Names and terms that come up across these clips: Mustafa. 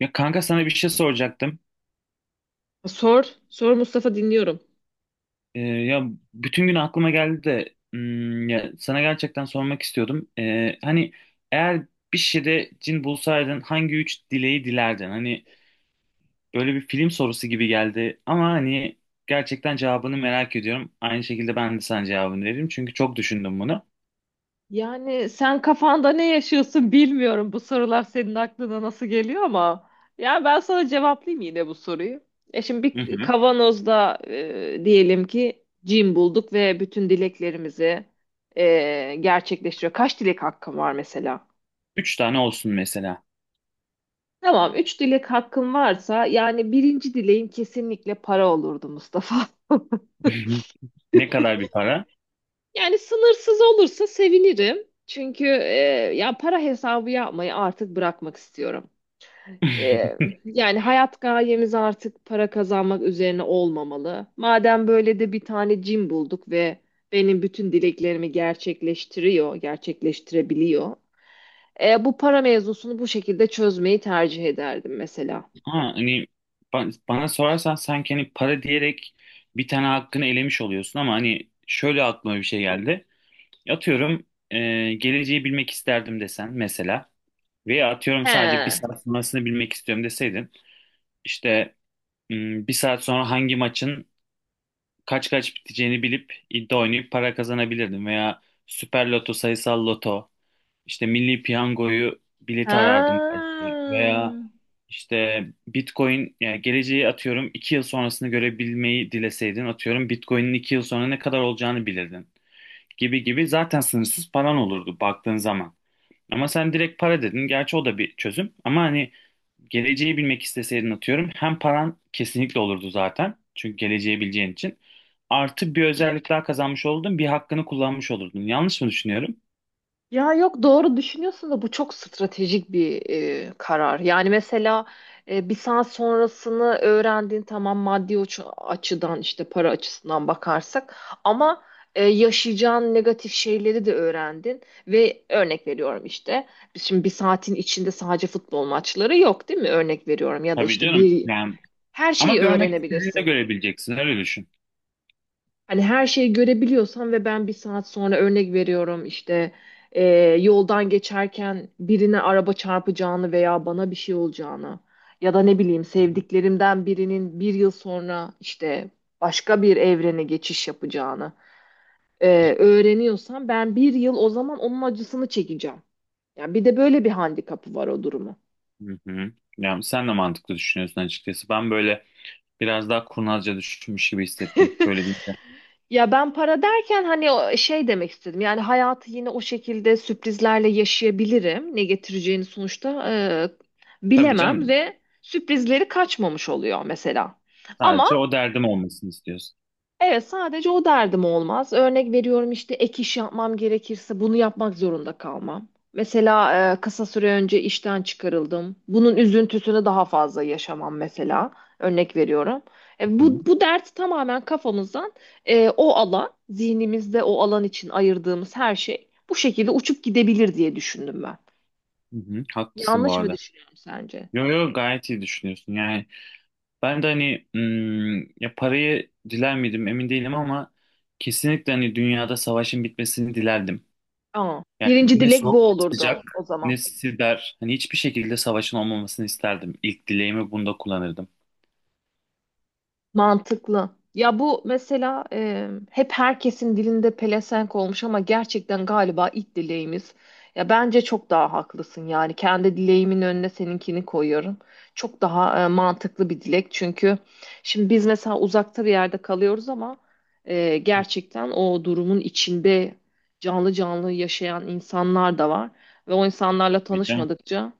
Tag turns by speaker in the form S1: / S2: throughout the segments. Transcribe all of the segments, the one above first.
S1: Ya kanka sana bir şey soracaktım.
S2: Sor, sor Mustafa dinliyorum.
S1: Ya bütün gün aklıma geldi de ya sana gerçekten sormak istiyordum. Hani eğer bir şeyde cin bulsaydın hangi üç dileği dilerdin? Hani böyle bir film sorusu gibi geldi ama hani gerçekten cevabını merak ediyorum. Aynı şekilde ben de sana cevabını veririm çünkü çok düşündüm bunu.
S2: Yani sen kafanda ne yaşıyorsun bilmiyorum. Bu sorular senin aklına nasıl geliyor ama yani ben sana cevaplayayım yine bu soruyu. E şimdi
S1: Hı
S2: bir
S1: hı.
S2: kavanozda diyelim ki cin bulduk ve bütün dileklerimizi gerçekleştiriyor. Kaç dilek hakkım var mesela?
S1: Üç tane olsun mesela.
S2: Tamam, üç dilek hakkım varsa yani birinci dileğim kesinlikle para olurdu Mustafa.
S1: Ne kadar bir para?
S2: Yani sınırsız olursa sevinirim. Çünkü ya para hesabı yapmayı artık bırakmak istiyorum. E, yani hayat gayemiz artık para kazanmak üzerine olmamalı. Madem böyle de bir tane cin bulduk ve benim bütün dileklerimi gerçekleştiriyor, gerçekleştirebiliyor. Bu para mevzusunu bu şekilde çözmeyi tercih ederdim mesela.
S1: Ha, hani bana sorarsan sanki hani para diyerek bir tane hakkını elemiş oluyorsun ama hani şöyle aklıma bir şey geldi. Atıyorum geleceği bilmek isterdim desen mesela veya atıyorum sadece bir
S2: He.
S1: saat sonrasını bilmek istiyorum deseydin işte bir saat sonra hangi maçın kaç kaç biteceğini bilip iddia oynayıp para kazanabilirdim veya Süper Loto, sayısal loto, işte Milli Piyango'yu bilet
S2: Ha.
S1: arardım belki. Veya işte Bitcoin yani geleceği atıyorum 2 yıl sonrasını görebilmeyi dileseydin atıyorum Bitcoin'in 2 yıl sonra ne kadar olacağını bilirdin gibi gibi zaten sınırsız paran olurdu baktığın zaman. Ama sen direkt para dedin. Gerçi o da bir çözüm. Ama hani geleceği bilmek isteseydin atıyorum hem paran kesinlikle olurdu zaten. Çünkü geleceği bileceğin için. Artı bir özellik daha kazanmış olurdun. Bir hakkını kullanmış olurdun. Yanlış mı düşünüyorum?
S2: Ya yok doğru düşünüyorsun da bu çok stratejik bir karar. Yani mesela bir saat sonrasını öğrendiğin tamam maddi açıdan işte para açısından bakarsak ama yaşayacağın negatif şeyleri de öğrendin ve örnek veriyorum işte biz şimdi bir saatin içinde sadece futbol maçları yok değil mi? Örnek veriyorum ya da
S1: Tabii
S2: işte
S1: canım.
S2: bir
S1: Yani
S2: her
S1: ama
S2: şeyi
S1: görmek istediğinde
S2: öğrenebilirsin.
S1: görebileceksin. Öyle düşün.
S2: Hani her şeyi görebiliyorsam ve ben bir saat sonra örnek veriyorum işte e, yoldan geçerken birine araba çarpacağını veya bana bir şey olacağını ya da ne bileyim sevdiklerimden birinin bir yıl sonra işte başka bir evrene geçiş yapacağını öğreniyorsam ben bir yıl o zaman onun acısını çekeceğim. Yani bir de böyle bir handikapı var o durumu.
S1: Hı hı. Yani sen de mantıklı düşünüyorsun açıkçası. Ben böyle biraz daha kurnazca düşünmüş gibi hissettim böyle deyince.
S2: Ya ben para derken hani o şey demek istedim. Yani hayatı yine o şekilde sürprizlerle yaşayabilirim. Ne getireceğini sonuçta
S1: Tabii
S2: bilemem
S1: canım
S2: ve sürprizleri kaçmamış oluyor mesela.
S1: sadece
S2: Ama
S1: o derdim olmasını istiyorsun.
S2: evet, sadece o derdim olmaz. Örnek veriyorum işte ek iş yapmam gerekirse bunu yapmak zorunda kalmam. Mesela kısa süre önce işten çıkarıldım. Bunun üzüntüsünü daha fazla yaşamam mesela. Örnek veriyorum.
S1: Hı hı.
S2: Bu dert tamamen kafamızdan o alan, zihnimizde o alan için ayırdığımız her şey bu şekilde uçup gidebilir diye düşündüm ben.
S1: Hı hı. Haklısın bu
S2: Yanlış mı
S1: arada.
S2: düşünüyorum sence?
S1: Yo yo gayet iyi düşünüyorsun. Yani ben de hani ya parayı diler miydim emin değilim ama kesinlikle hani dünyada savaşın bitmesini dilerdim.
S2: Aa,
S1: Yani
S2: birinci
S1: ne
S2: dilek
S1: soğuk
S2: bu
S1: ne
S2: olurdu
S1: sıcak
S2: o zaman.
S1: ne siber hani hiçbir şekilde savaşın olmamasını isterdim. İlk dileğimi bunda kullanırdım.
S2: Mantıklı. Ya bu mesela hep herkesin dilinde pelesenk olmuş ama gerçekten galiba ilk dileğimiz. Ya bence çok daha haklısın, yani kendi dileğimin önüne seninkini koyuyorum. Çok daha mantıklı bir dilek çünkü şimdi biz mesela uzakta bir yerde kalıyoruz ama gerçekten o durumun içinde canlı canlı yaşayan insanlar da var ve o insanlarla tanışmadıkça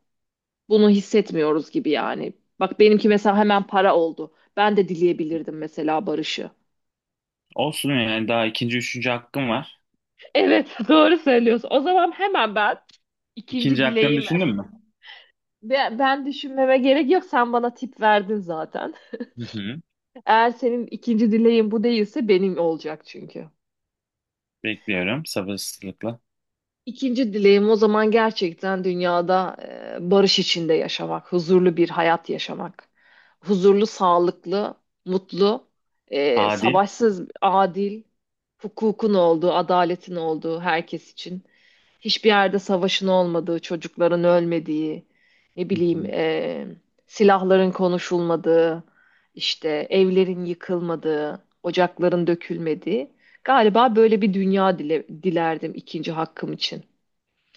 S2: bunu hissetmiyoruz gibi yani. Bak benimki mesela hemen para oldu. Ben de dileyebilirdim mesela barışı.
S1: Olsun yani daha ikinci, üçüncü hakkım var.
S2: Evet, doğru söylüyorsun. O zaman hemen ben ikinci
S1: İkinci hakkını
S2: dileğimi.
S1: düşündün mü?
S2: Ben düşünmeme gerek yok. Sen bana tip verdin zaten.
S1: Hı hı.
S2: Eğer senin ikinci dileğin bu değilse benim olacak çünkü.
S1: Bekliyorum sabırsızlıkla.
S2: İkinci dileğim o zaman gerçekten dünyada barış içinde yaşamak, huzurlu bir hayat yaşamak. Huzurlu, sağlıklı, mutlu,
S1: Adil.
S2: savaşsız, adil, hukukun olduğu, adaletin olduğu herkes için. Hiçbir yerde savaşın olmadığı, çocukların ölmediği, ne
S1: Hı
S2: bileyim,
S1: hı.
S2: silahların konuşulmadığı, işte evlerin yıkılmadığı, ocakların dökülmediği. Galiba böyle bir dünya dilerdim ikinci hakkım için.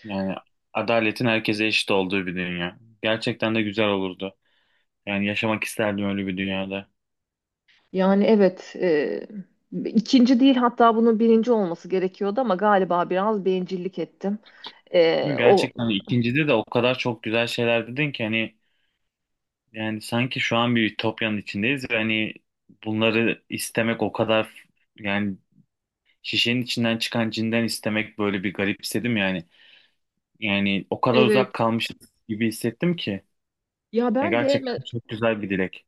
S1: Yani adaletin herkese eşit olduğu bir dünya. Gerçekten de güzel olurdu. Yani yaşamak isterdim öyle bir dünyada.
S2: Yani evet, ikinci değil, hatta bunun birinci olması gerekiyordu ama galiba biraz bencillik ettim.
S1: Ve
S2: E, o
S1: gerçekten ikincide de o kadar çok güzel şeyler dedin ki hani yani sanki şu an bir ütopyanın içindeyiz ve hani bunları istemek o kadar yani şişenin içinden çıkan cinden istemek böyle bir garipsedim yani. Yani o kadar
S2: evet.
S1: uzak kalmışız gibi hissettim ki.
S2: Ya
S1: Ya
S2: ben de
S1: gerçekten çok güzel bir dilek.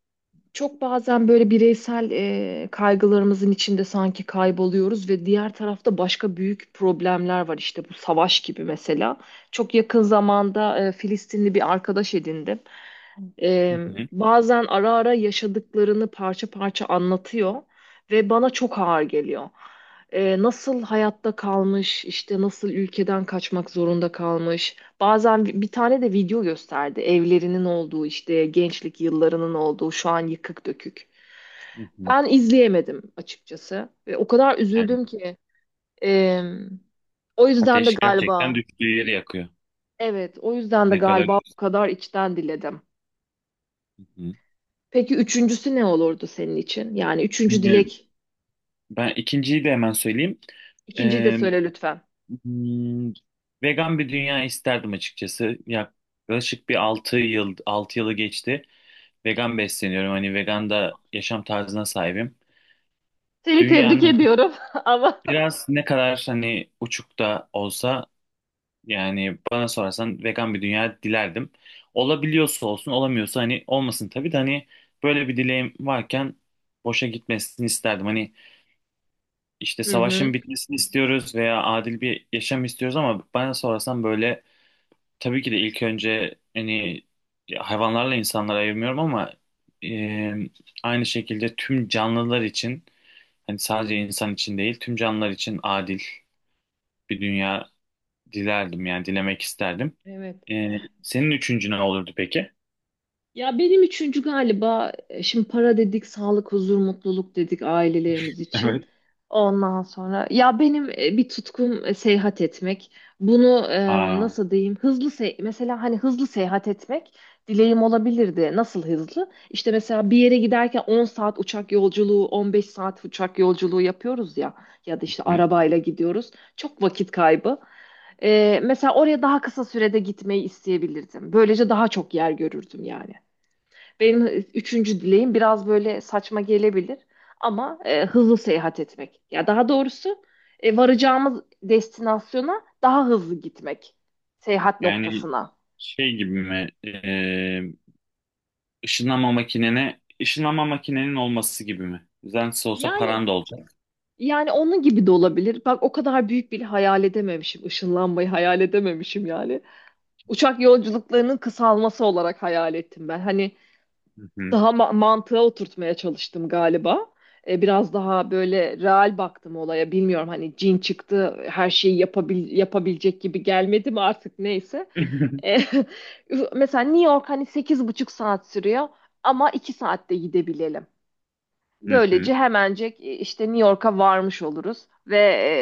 S2: çok bazen böyle bireysel kaygılarımızın içinde sanki kayboluyoruz ve diğer tarafta başka büyük problemler var. İşte bu savaş gibi mesela. Çok yakın zamanda Filistinli bir arkadaş edindim.
S1: Hı
S2: E,
S1: hı,
S2: bazen ara ara yaşadıklarını parça parça anlatıyor ve bana çok ağır geliyor. Nasıl hayatta kalmış, işte nasıl ülkeden kaçmak zorunda kalmış. Bazen bir tane de video gösterdi. Evlerinin olduğu, işte gençlik yıllarının olduğu şu an yıkık dökük.
S1: hı hı.
S2: Ben izleyemedim açıkçası. Ve o kadar
S1: Yani
S2: üzüldüm ki. E, o yüzden de
S1: ateş gerçekten
S2: galiba
S1: düştüğü yeri yakıyor.
S2: Evet, o yüzden de
S1: Ne
S2: galiba
S1: kadar...
S2: bu kadar içten diledim.
S1: Hı hı.
S2: Peki üçüncüsü ne olurdu senin için? Yani üçüncü
S1: Ee,
S2: dilek
S1: Ben ikinciyi de hemen söyleyeyim.
S2: ikinciyi de
S1: Ee,
S2: söyle lütfen.
S1: hmm, vegan bir dünya isterdim açıkçası. Yaklaşık bir altı yılı geçti. Vegan besleniyorum. Hani vegan da yaşam tarzına sahibim.
S2: Seni tebrik
S1: Dünyanın
S2: ediyorum. Ama
S1: biraz ne kadar hani uçukta olsa yani bana sorarsan vegan bir dünya dilerdim. Olabiliyorsa olsun, olamıyorsa hani olmasın tabii de hani böyle bir dileğim varken boşa gitmesini isterdim. Hani işte
S2: hı hı.
S1: savaşın bitmesini istiyoruz veya adil bir yaşam istiyoruz ama bana sorarsan böyle tabii ki de ilk önce hani hayvanlarla insanları ayırmıyorum ama e, aynı şekilde tüm canlılar için hani sadece insan için değil tüm canlılar için adil bir dünya dilerdim yani dilemek isterdim.
S2: Evet.
S1: Ee, senin üçüncü ne olurdu peki?
S2: Ya benim üçüncü galiba, şimdi para dedik, sağlık, huzur, mutluluk dedik ailelerimiz için.
S1: Evet.
S2: Ondan sonra ya benim bir tutkum seyahat etmek. Bunu
S1: Aa,
S2: nasıl diyeyim? Hızlı se mesela hani hızlı seyahat etmek dileğim olabilirdi. Nasıl hızlı? İşte mesela bir yere giderken 10 saat uçak yolculuğu, 15 saat uçak yolculuğu yapıyoruz ya, ya da işte
S1: hı.
S2: arabayla gidiyoruz. Çok vakit kaybı. Mesela oraya daha kısa sürede gitmeyi isteyebilirdim. Böylece daha çok yer görürdüm yani. Benim üçüncü dileğim biraz böyle saçma gelebilir ama hızlı seyahat etmek. Ya daha doğrusu varacağımız destinasyona daha hızlı gitmek, seyahat
S1: Yani
S2: noktasına.
S1: şey gibi mi? Işınlanma makinene, ışınlanma makinenin olması gibi mi? Düzensiz olsa
S2: Yani
S1: paran da olacak.
S2: yani onun gibi de olabilir. Bak o kadar büyük bir hayal edememişim. Işınlanmayı hayal edememişim yani. Uçak yolculuklarının kısalması olarak hayal ettim ben. Hani
S1: Hı hı.
S2: daha mantığa oturtmaya çalıştım galiba. Biraz daha böyle real baktım olaya. Bilmiyorum hani cin çıktı, her şeyi yapabilecek gibi gelmedi mi artık, neyse. E, mesela New York hani sekiz buçuk saat sürüyor ama 2 saatte gidebilelim.
S1: Hı hı.
S2: Böylece hemencek işte New York'a varmış oluruz ve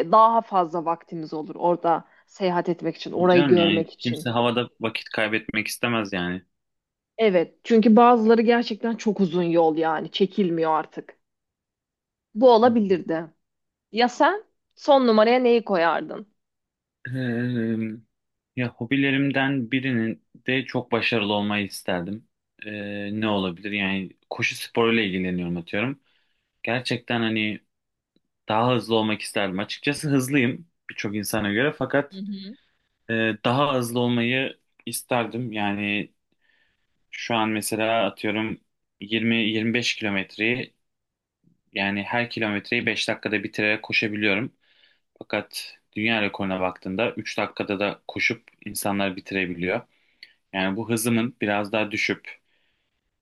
S2: daha fazla vaktimiz olur orada seyahat etmek için, orayı
S1: Canım yani
S2: görmek için.
S1: kimse havada vakit kaybetmek istemez yani.
S2: Evet, çünkü bazıları gerçekten çok uzun yol, yani çekilmiyor artık. Bu
S1: Hı hı.
S2: olabilirdi. Ya sen son numaraya neyi koyardın?
S1: Ee, ya hobilerimden birinin de çok başarılı olmayı isterdim. Ne olabilir? Yani koşu sporuyla ilgileniyorum atıyorum. Gerçekten hani daha hızlı olmak isterdim. Açıkçası hızlıyım birçok insana göre
S2: Hı
S1: fakat
S2: hı.
S1: e, daha hızlı olmayı isterdim. Yani şu an mesela atıyorum 20-25 kilometreyi yani her kilometreyi 5 dakikada bitirerek koşabiliyorum. Fakat dünya rekoruna baktığında 3 dakikada da koşup insanlar bitirebiliyor. Yani bu hızımın biraz daha düşüp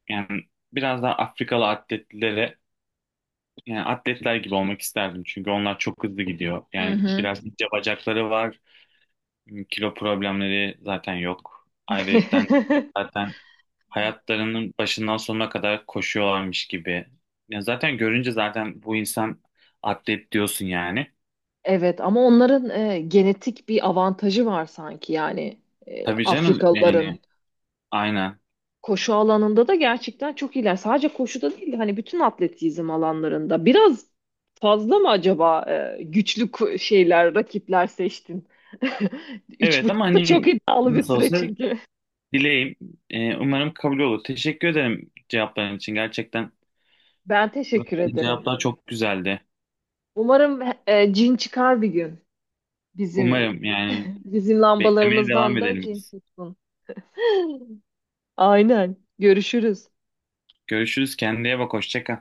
S1: yani biraz daha Afrikalı atletlere yani atletler gibi olmak isterdim çünkü onlar çok hızlı gidiyor.
S2: Hı
S1: Yani
S2: hı.
S1: biraz ince bacakları var, kilo problemleri zaten yok. Ayrıca zaten hayatlarının başından sonuna kadar koşuyorlarmış gibi. Ya zaten görünce zaten bu insan atlet diyorsun yani.
S2: Evet ama onların genetik bir avantajı var sanki, yani
S1: Tabii canım
S2: Afrikalıların
S1: yani aynen.
S2: koşu alanında da gerçekten çok iyiler. Sadece koşuda değil, hani bütün atletizm alanlarında biraz fazla mı acaba e, güçlü ku- şeyler rakipler seçtin? Üç
S1: Evet ama
S2: buçuk da
S1: hani
S2: çok iddialı bir
S1: nasıl
S2: süre
S1: olsa
S2: çünkü.
S1: dileğim umarım kabul olur. Teşekkür ederim cevapların için gerçekten.
S2: Ben teşekkür
S1: Verdiğin
S2: ederim.
S1: cevaplar çok güzeldi.
S2: Umarım cin çıkar bir gün bizim,
S1: Umarım yani.
S2: bizim
S1: Beklemeye devam
S2: lambalarımızdan da
S1: edelim
S2: cin
S1: biz.
S2: tutsun. Aynen. Görüşürüz.
S1: Görüşürüz. Kendine bak. Hoşça kal.